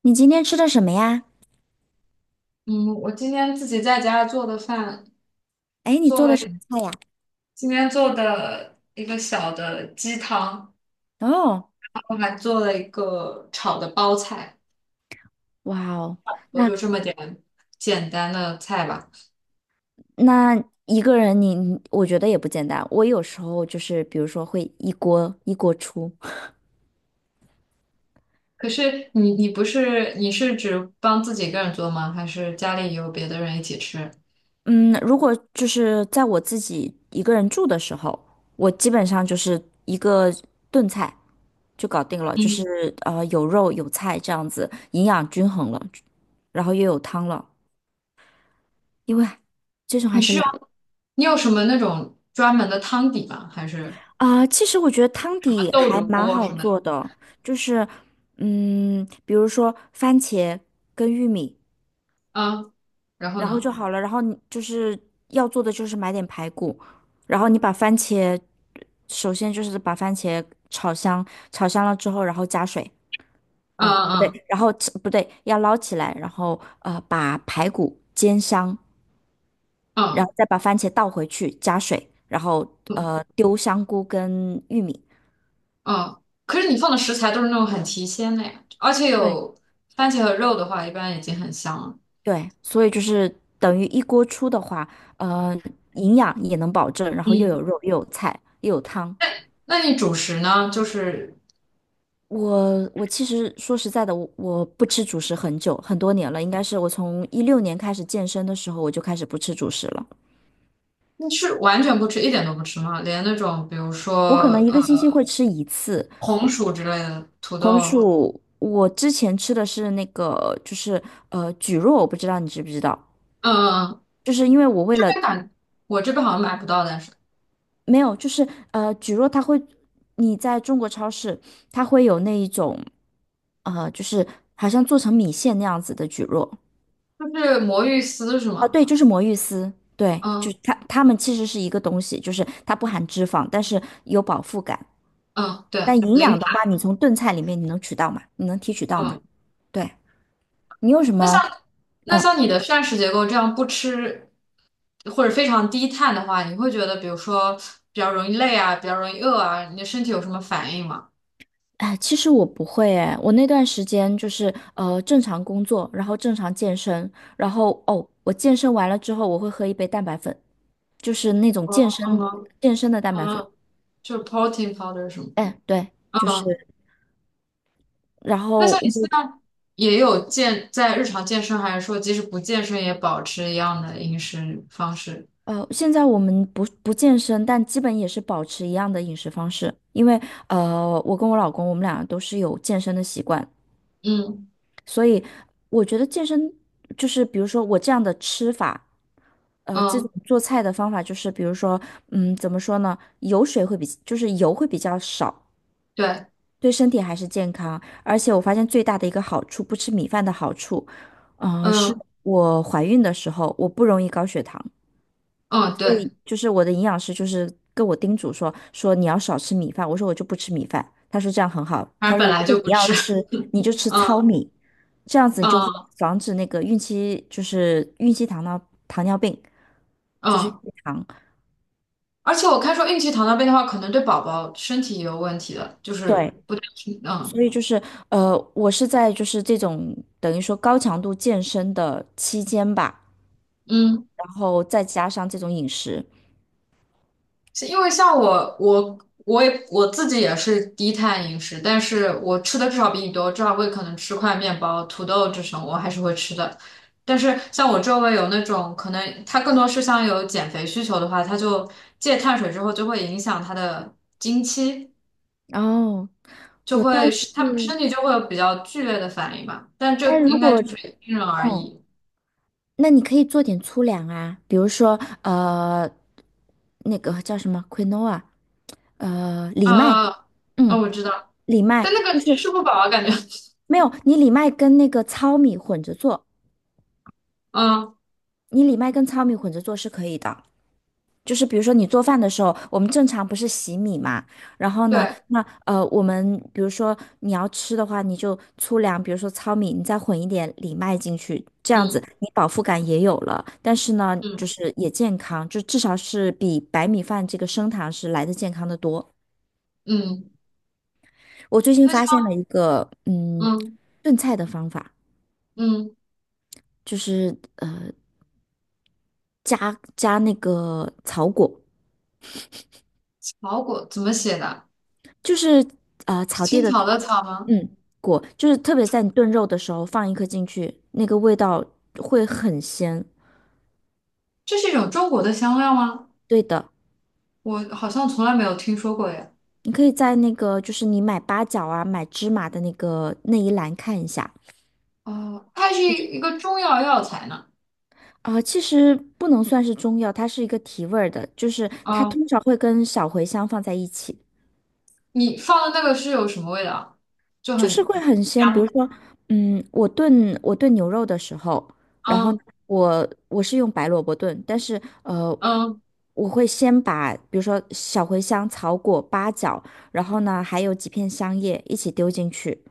你今天吃的什么呀？嗯，我今天自己在家做的饭，哎，你做做的了什么菜呀？今天做的一个小的鸡汤，哦。然后还做了一个炒的包菜，哇哦。我那就这么点简单的菜吧。那一个人你我觉得也不简单。我有时候就是比如说会一锅一锅出。可是你不是你是只帮自己一个人做吗？还是家里有别的人一起吃？嗯，如果就是在我自己一个人住的时候，我基本上就是一个炖菜就搞定了，就是嗯，有肉有菜这样子，营养均衡了，然后又有汤了，因为这种你还是是用懒。你有什么那种专门的汤底吗？还是啊、其实我觉得汤什么底豆还乳蛮锅好什么的？做的，就是，比如说番茄跟玉米，啊，然后然后呢？就好了。然后你就是要做的就是买点排骨，然后你把番茄，首先就是把番茄炒香，炒香了之后，然后加水，嗯哦，不嗯对，然后不对，要捞起来，然后把排骨煎香，然嗯。后再把番茄倒回去，加水，然后嗯丢香菇跟玉米。嗯，可是你放的食材都是那种很提鲜的呀，而且对。有番茄和肉的话，一般已经很香了。对，所以就是等于一锅出的话，呃，营养也能保证，然后又嗯，有肉，又有菜，又有汤。那你主食呢？我其实说实在的，我不吃主食很久很多年了，应该是我从16年开始健身的时候，我就开始不吃主食了。你是完全不吃，一点都不吃吗？连那种比如我可说能一个星期会吃一次红薯之类的土红豆，薯。我之前吃的是那个，就是蒟蒻，我不知道你知不知道，嗯嗯，嗯就是因为我为这了边感我这边好像买不到，但是没有，就是蒟蒻它会，你在中国超市，它会有那一种，就是好像做成米线那样子的蒟蒻就是魔芋丝是啊，吗？对，就是魔芋丝，对，嗯就是它们其实是一个东西，就是它不含脂肪，但是有饱腹感。嗯，对，但营养零的话，卡。你从炖菜里面你能取到吗？你能提取到吗？嗯，对，你有什那像么？嗯。你的膳食结构这样不吃。或者非常低碳的话，你会觉得比如说比较容易累啊，比较容易饿啊，你的身体有什么反应吗？哎，其实我不会哎，我那段时间就是正常工作，然后正常健身，然后哦，我健身完了之后我会喝一杯蛋白粉。就是那种健身嗯健身的蛋白粉。嗯，就是 protein powder 什么？哎，对，就嗯，是，然那后像你现在也有健日常健身，还是说即使不健身也保持一样的饮食方式？现在我们不健身，但基本也是保持一样的饮食方式，因为我跟我老公我们俩都是有健身的习惯，嗯所以我觉得健身就是比如说我这样的吃法。这种嗯，做菜的方法就是，比如说，怎么说呢？油水会比，就是油会比较少，对，对身体还是健康，而且我发现最大的一个好处，不吃米饭的好处，啊，是嗯我怀孕的时候我不容易高血糖，嗯所对，以就是我的营养师就是跟我叮嘱说你要少吃米饭，我说我就不吃米饭，他说这样很好，反他正本说如来果就不你要吃，吃你就 吃糙嗯米，这样子你就会嗯防止那个孕期就是孕期糖尿病，就是孕嗯，糖，而且我看说孕期糖尿病的话，可能对宝宝身体也有问题的，就是对，不太嗯所以就是，我是在就是这种等于说高强度健身的期间吧，嗯。然后再加上这种饮食。是因为像我，我我也自己也是低碳饮食，但是我吃的至少比你多，至少我也可能吃块面包、土豆这种，我还是会吃的。但是像我周围有那种可能他更多是像有减肥需求的话，他就戒碳水之后就会影响他的经期，哦，就我倒会是，是他们身体就会有比较剧烈的反应吧。但这但如应该果，就是因人而异。那你可以做点粗粮啊，比如说，那个叫什么 quinoa，啊藜麦，啊啊！啊嗯，我知道，藜麦但那就个是吃不饱啊，感觉，没有，你藜麦跟那个糙米混着做，嗯，你藜麦跟糙米混着做是可以的。就是比如说你做饭的时候，我们正常不是洗米嘛，然后呢，对，那我们比如说你要吃的话，你就粗粮，比如说糙米，你再混一点藜麦进去，这样子嗯你饱腹感也有了，但是呢，嗯就是也健康，就至少是比白米饭这个升糖是来的健康的多。嗯。我最近那。发现像。了一个嗯炖菜的方法，嗯，就是加那个草果。草果怎么写的？就是草地青的草草，的草吗？嗯，果就是特别在你炖肉的时候放一颗进去，那个味道会很鲜。这是一种中国的香料吗？对的，我好像从来没有听说过耶。你可以在那个就是你买八角啊、买芝麻的那个那一栏看一下。哦，它是一个中药药材呢。啊、其实不能算是中药，它是一个提味儿的，就是它啊，通常会跟小茴香放在一起。你放的那个是有什么味道啊？就就是很会很鲜。比如香。说，我炖牛肉的时候，然后嗯我是用白萝卜炖，但是嗯我会先把比如说小茴香、草果、八角，然后呢还有几片香叶一起丢进去，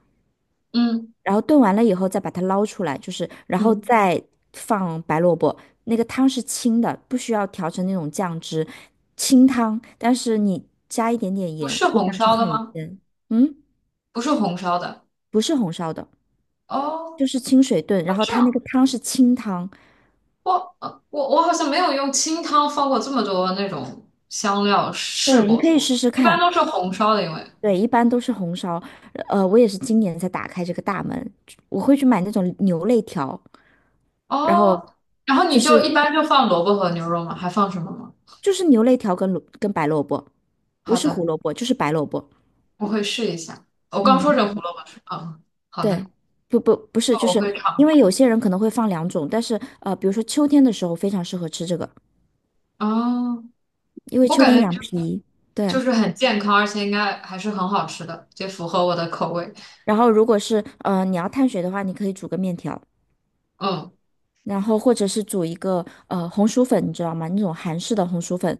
嗯然后炖完了以后再把它捞出来，就是然后嗯，再放白萝卜。那个汤是清的，不需要调成那种酱汁，清汤，但是你加一点点不盐，是味红道就烧的很吗？鲜。嗯，不是红烧的。不是红烧的。哦，就是清水炖，然哦后这它那个样，汤是清汤，我我好像没有用清汤放过这么多那种香料试对，你过，可以试试一般看。都是红烧的，因为。对，一般都是红烧，我也是今年才打开这个大门，我会去买那种牛肋条，然后哦，然后就你就一是般就放萝卜和牛肉吗？还放什么吗？就是牛肋条跟白萝卜，不好是胡的，萝卜就是白萝卜。我会试一下。我刚嗯，说成胡萝卜是吧，嗯，好对，的，不不不是，那就我是会因尝为有试。些人可能会放两种，但是比如说秋天的时候非常适合吃这个，哦，因为我秋感天觉养脾。就对，是很健康，而且应该还是很好吃的，也符合我的口味。然后如果是你要碳水的话，你可以煮个面条。嗯，然后或者是煮一个红薯粉，你知道吗？那种韩式的红薯粉，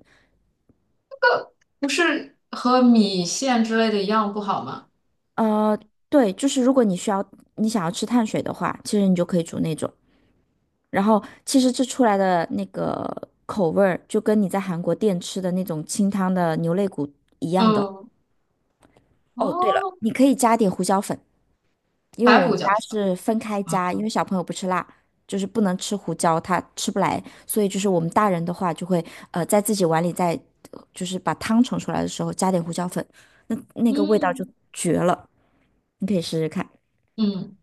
不是和米线之类的一样不好吗？呃，对，就是如果你想要吃碳水的话，其实你就可以煮那种。然后其实这出来的那个口味儿，就跟你在韩国店吃的那种清汤的牛肋骨一样的。嗯，哦，对了，哦，你可以加点胡椒粉。因为白我胡们家椒是是分开吗？加，因为小朋友不吃辣，就是不能吃胡椒，他吃不来，所以就是我们大人的话就会在自己碗里再就是把汤盛出来的时候加点胡椒粉，那个味道就嗯绝了，你可以试试看。嗯。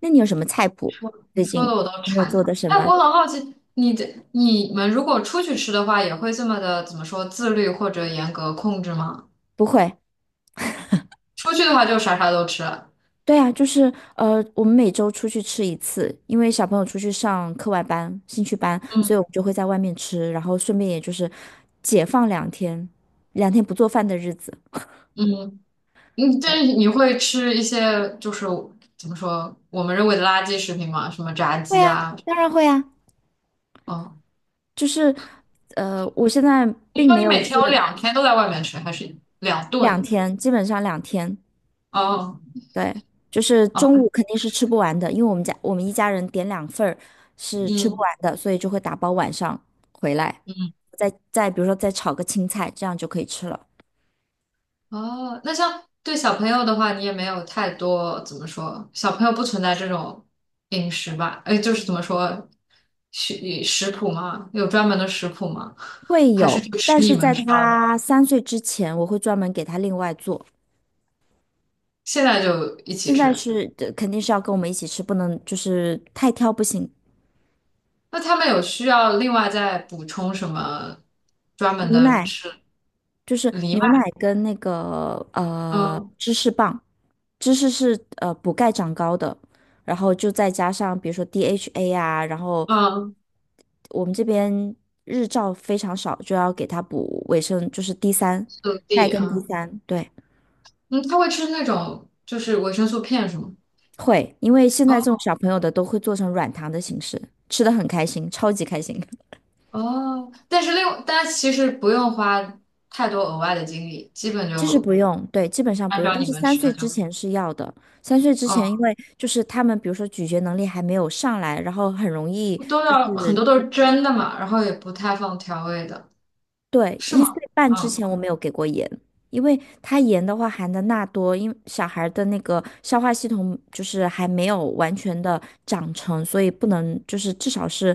那你有什么菜谱？说你最近说的我都有没有馋做了。的什哎，我么？很好奇，你们如果出去吃的话，也会这么的怎么说自律或者严格控制吗？不会。出去的话就啥啥都吃。对啊，就是我们每周出去吃一次，因为小朋友出去上课外班、兴趣班，所嗯以我们就会在外面吃，然后顺便也就是解放两天，两天不做饭的日子。嗯，嗯，但对。是你会吃一些怎么说我们认为的垃圾食品吗？什么炸会鸡啊，啊？当然会啊，哦，就是，我现在你并说没你有每天是有两天都在外面吃，还是两两顿？天，基本上两天，哦对，就是哦，中午肯定是吃不完的，因为我们一家人点两份儿是吃不嗯完的，所以就会打包晚上回来，嗯。再比如说再炒个青菜，这样就可以吃了。哦，那像对小朋友的话，你也没有太多怎么说，小朋友不存在这种饮食吧？哎，就是怎么说，食食谱吗？有专门的食谱吗？会还是有，就吃但你是们在烧的？他三岁之前，我会专门给他另外做。现在就一起现在吃？是，肯定是要跟我们一起吃，不能就是太挑不行。那他们有需要另外再补充什么专门无的奈。吃就是藜牛奶麦？跟那个嗯芝士棒，芝士是补钙长高的，然后就再加上比如说 DHA 啊，然后嗯，我们这边日照非常少，就要给它补维生，就是 D 三速钙递跟 D 嗯三，对，嗯，他会吃那种就是维生素片是吗？会，因为现在这种小朋友的都会做成软糖的形式，吃的很开心，超级开心。哦，但是但其实不用花太多额外的精力，基本其实不就用，对，基本上按不用，照但你是们三吃的岁就之可以前是要的。三岁之前，因哦，为就是他们，比如说咀嚼能力还没有上来，然后很容易都就要很多是。都是蒸的嘛，然后也不太放调味的，对，是一岁吗？半之嗯前我没有给过盐，因为它盐的话含的钠多，因为小孩的那个消化系统就是还没有完全的长成，所以不能就是至少是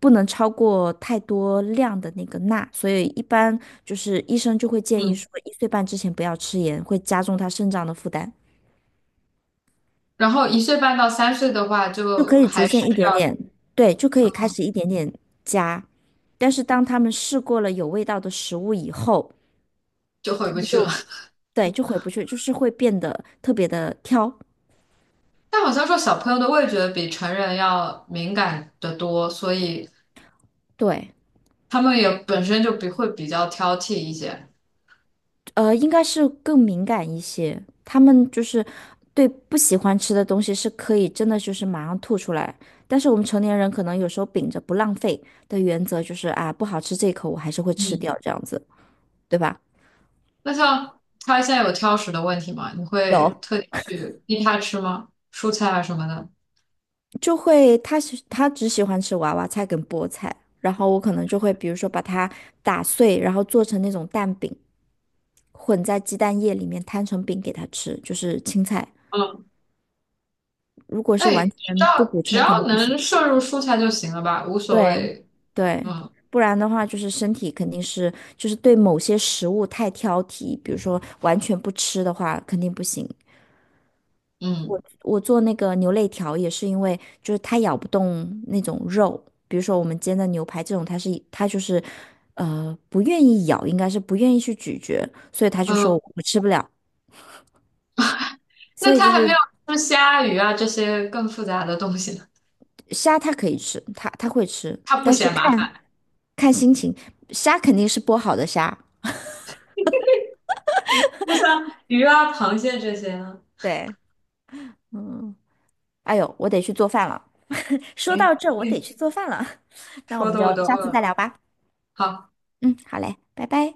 不能超过太多量的那个钠，所以一般就是医生就会建议嗯。说一岁半之前不要吃盐，会加重他肾脏的负担。然后一岁半到三岁的话，就是可就以逐还是渐一点要点，对，就可以开始一点点加。但是当他们试过了有味道的食物以后，就回不去了。对，就回不去，就是会变得特别的挑。但好像说小朋友的味觉比成人要敏感得多，所以对，他们也本身就比会比较挑剔一些。应该是更敏感一些。他们就是对不喜欢吃的东西是可以真的就是马上吐出来，但是我们成年人可能有时候秉着不浪费的原则，就是啊，不好吃这一口我还是会吃掉嗯。这样子，对吧？那像他现在有挑食的问题吗？你会有，特地去逼他吃吗？蔬菜啊什么的？就会他只喜欢吃娃娃菜跟菠菜，然后我可能就会比如说把它打碎，然后做成那种蛋饼，混在鸡蛋液里面摊成饼给他吃，就是青菜。嗯，如果那是也完全不补只充肯要定不能行，摄入蔬菜就行了吧，无所对谓。对，嗯不然的话就是身体肯定是就是对某些食物太挑剔，比如说完全不吃的话肯定不行。嗯我做那个牛肋条也是因为，就是它咬不动那种肉，比如说我们煎的牛排这种，它就是，不愿意咬，应该是不愿意去咀嚼，所以他就嗯，说我吃不了。所那以就他还没有是吃虾、鱼啊这些更复杂的东西呢，虾它可以吃，它会吃，他不但是嫌麻看烦。看心情，虾肯定是剥好的虾。那像鱼啊、螃蟹这些呢？对，嗯，哎呦，我得去做饭了。说哎，到这儿，我得嗯，去做饭了。那我说们的就我都下饿次再了。聊吧。好。嗯，好嘞，拜拜。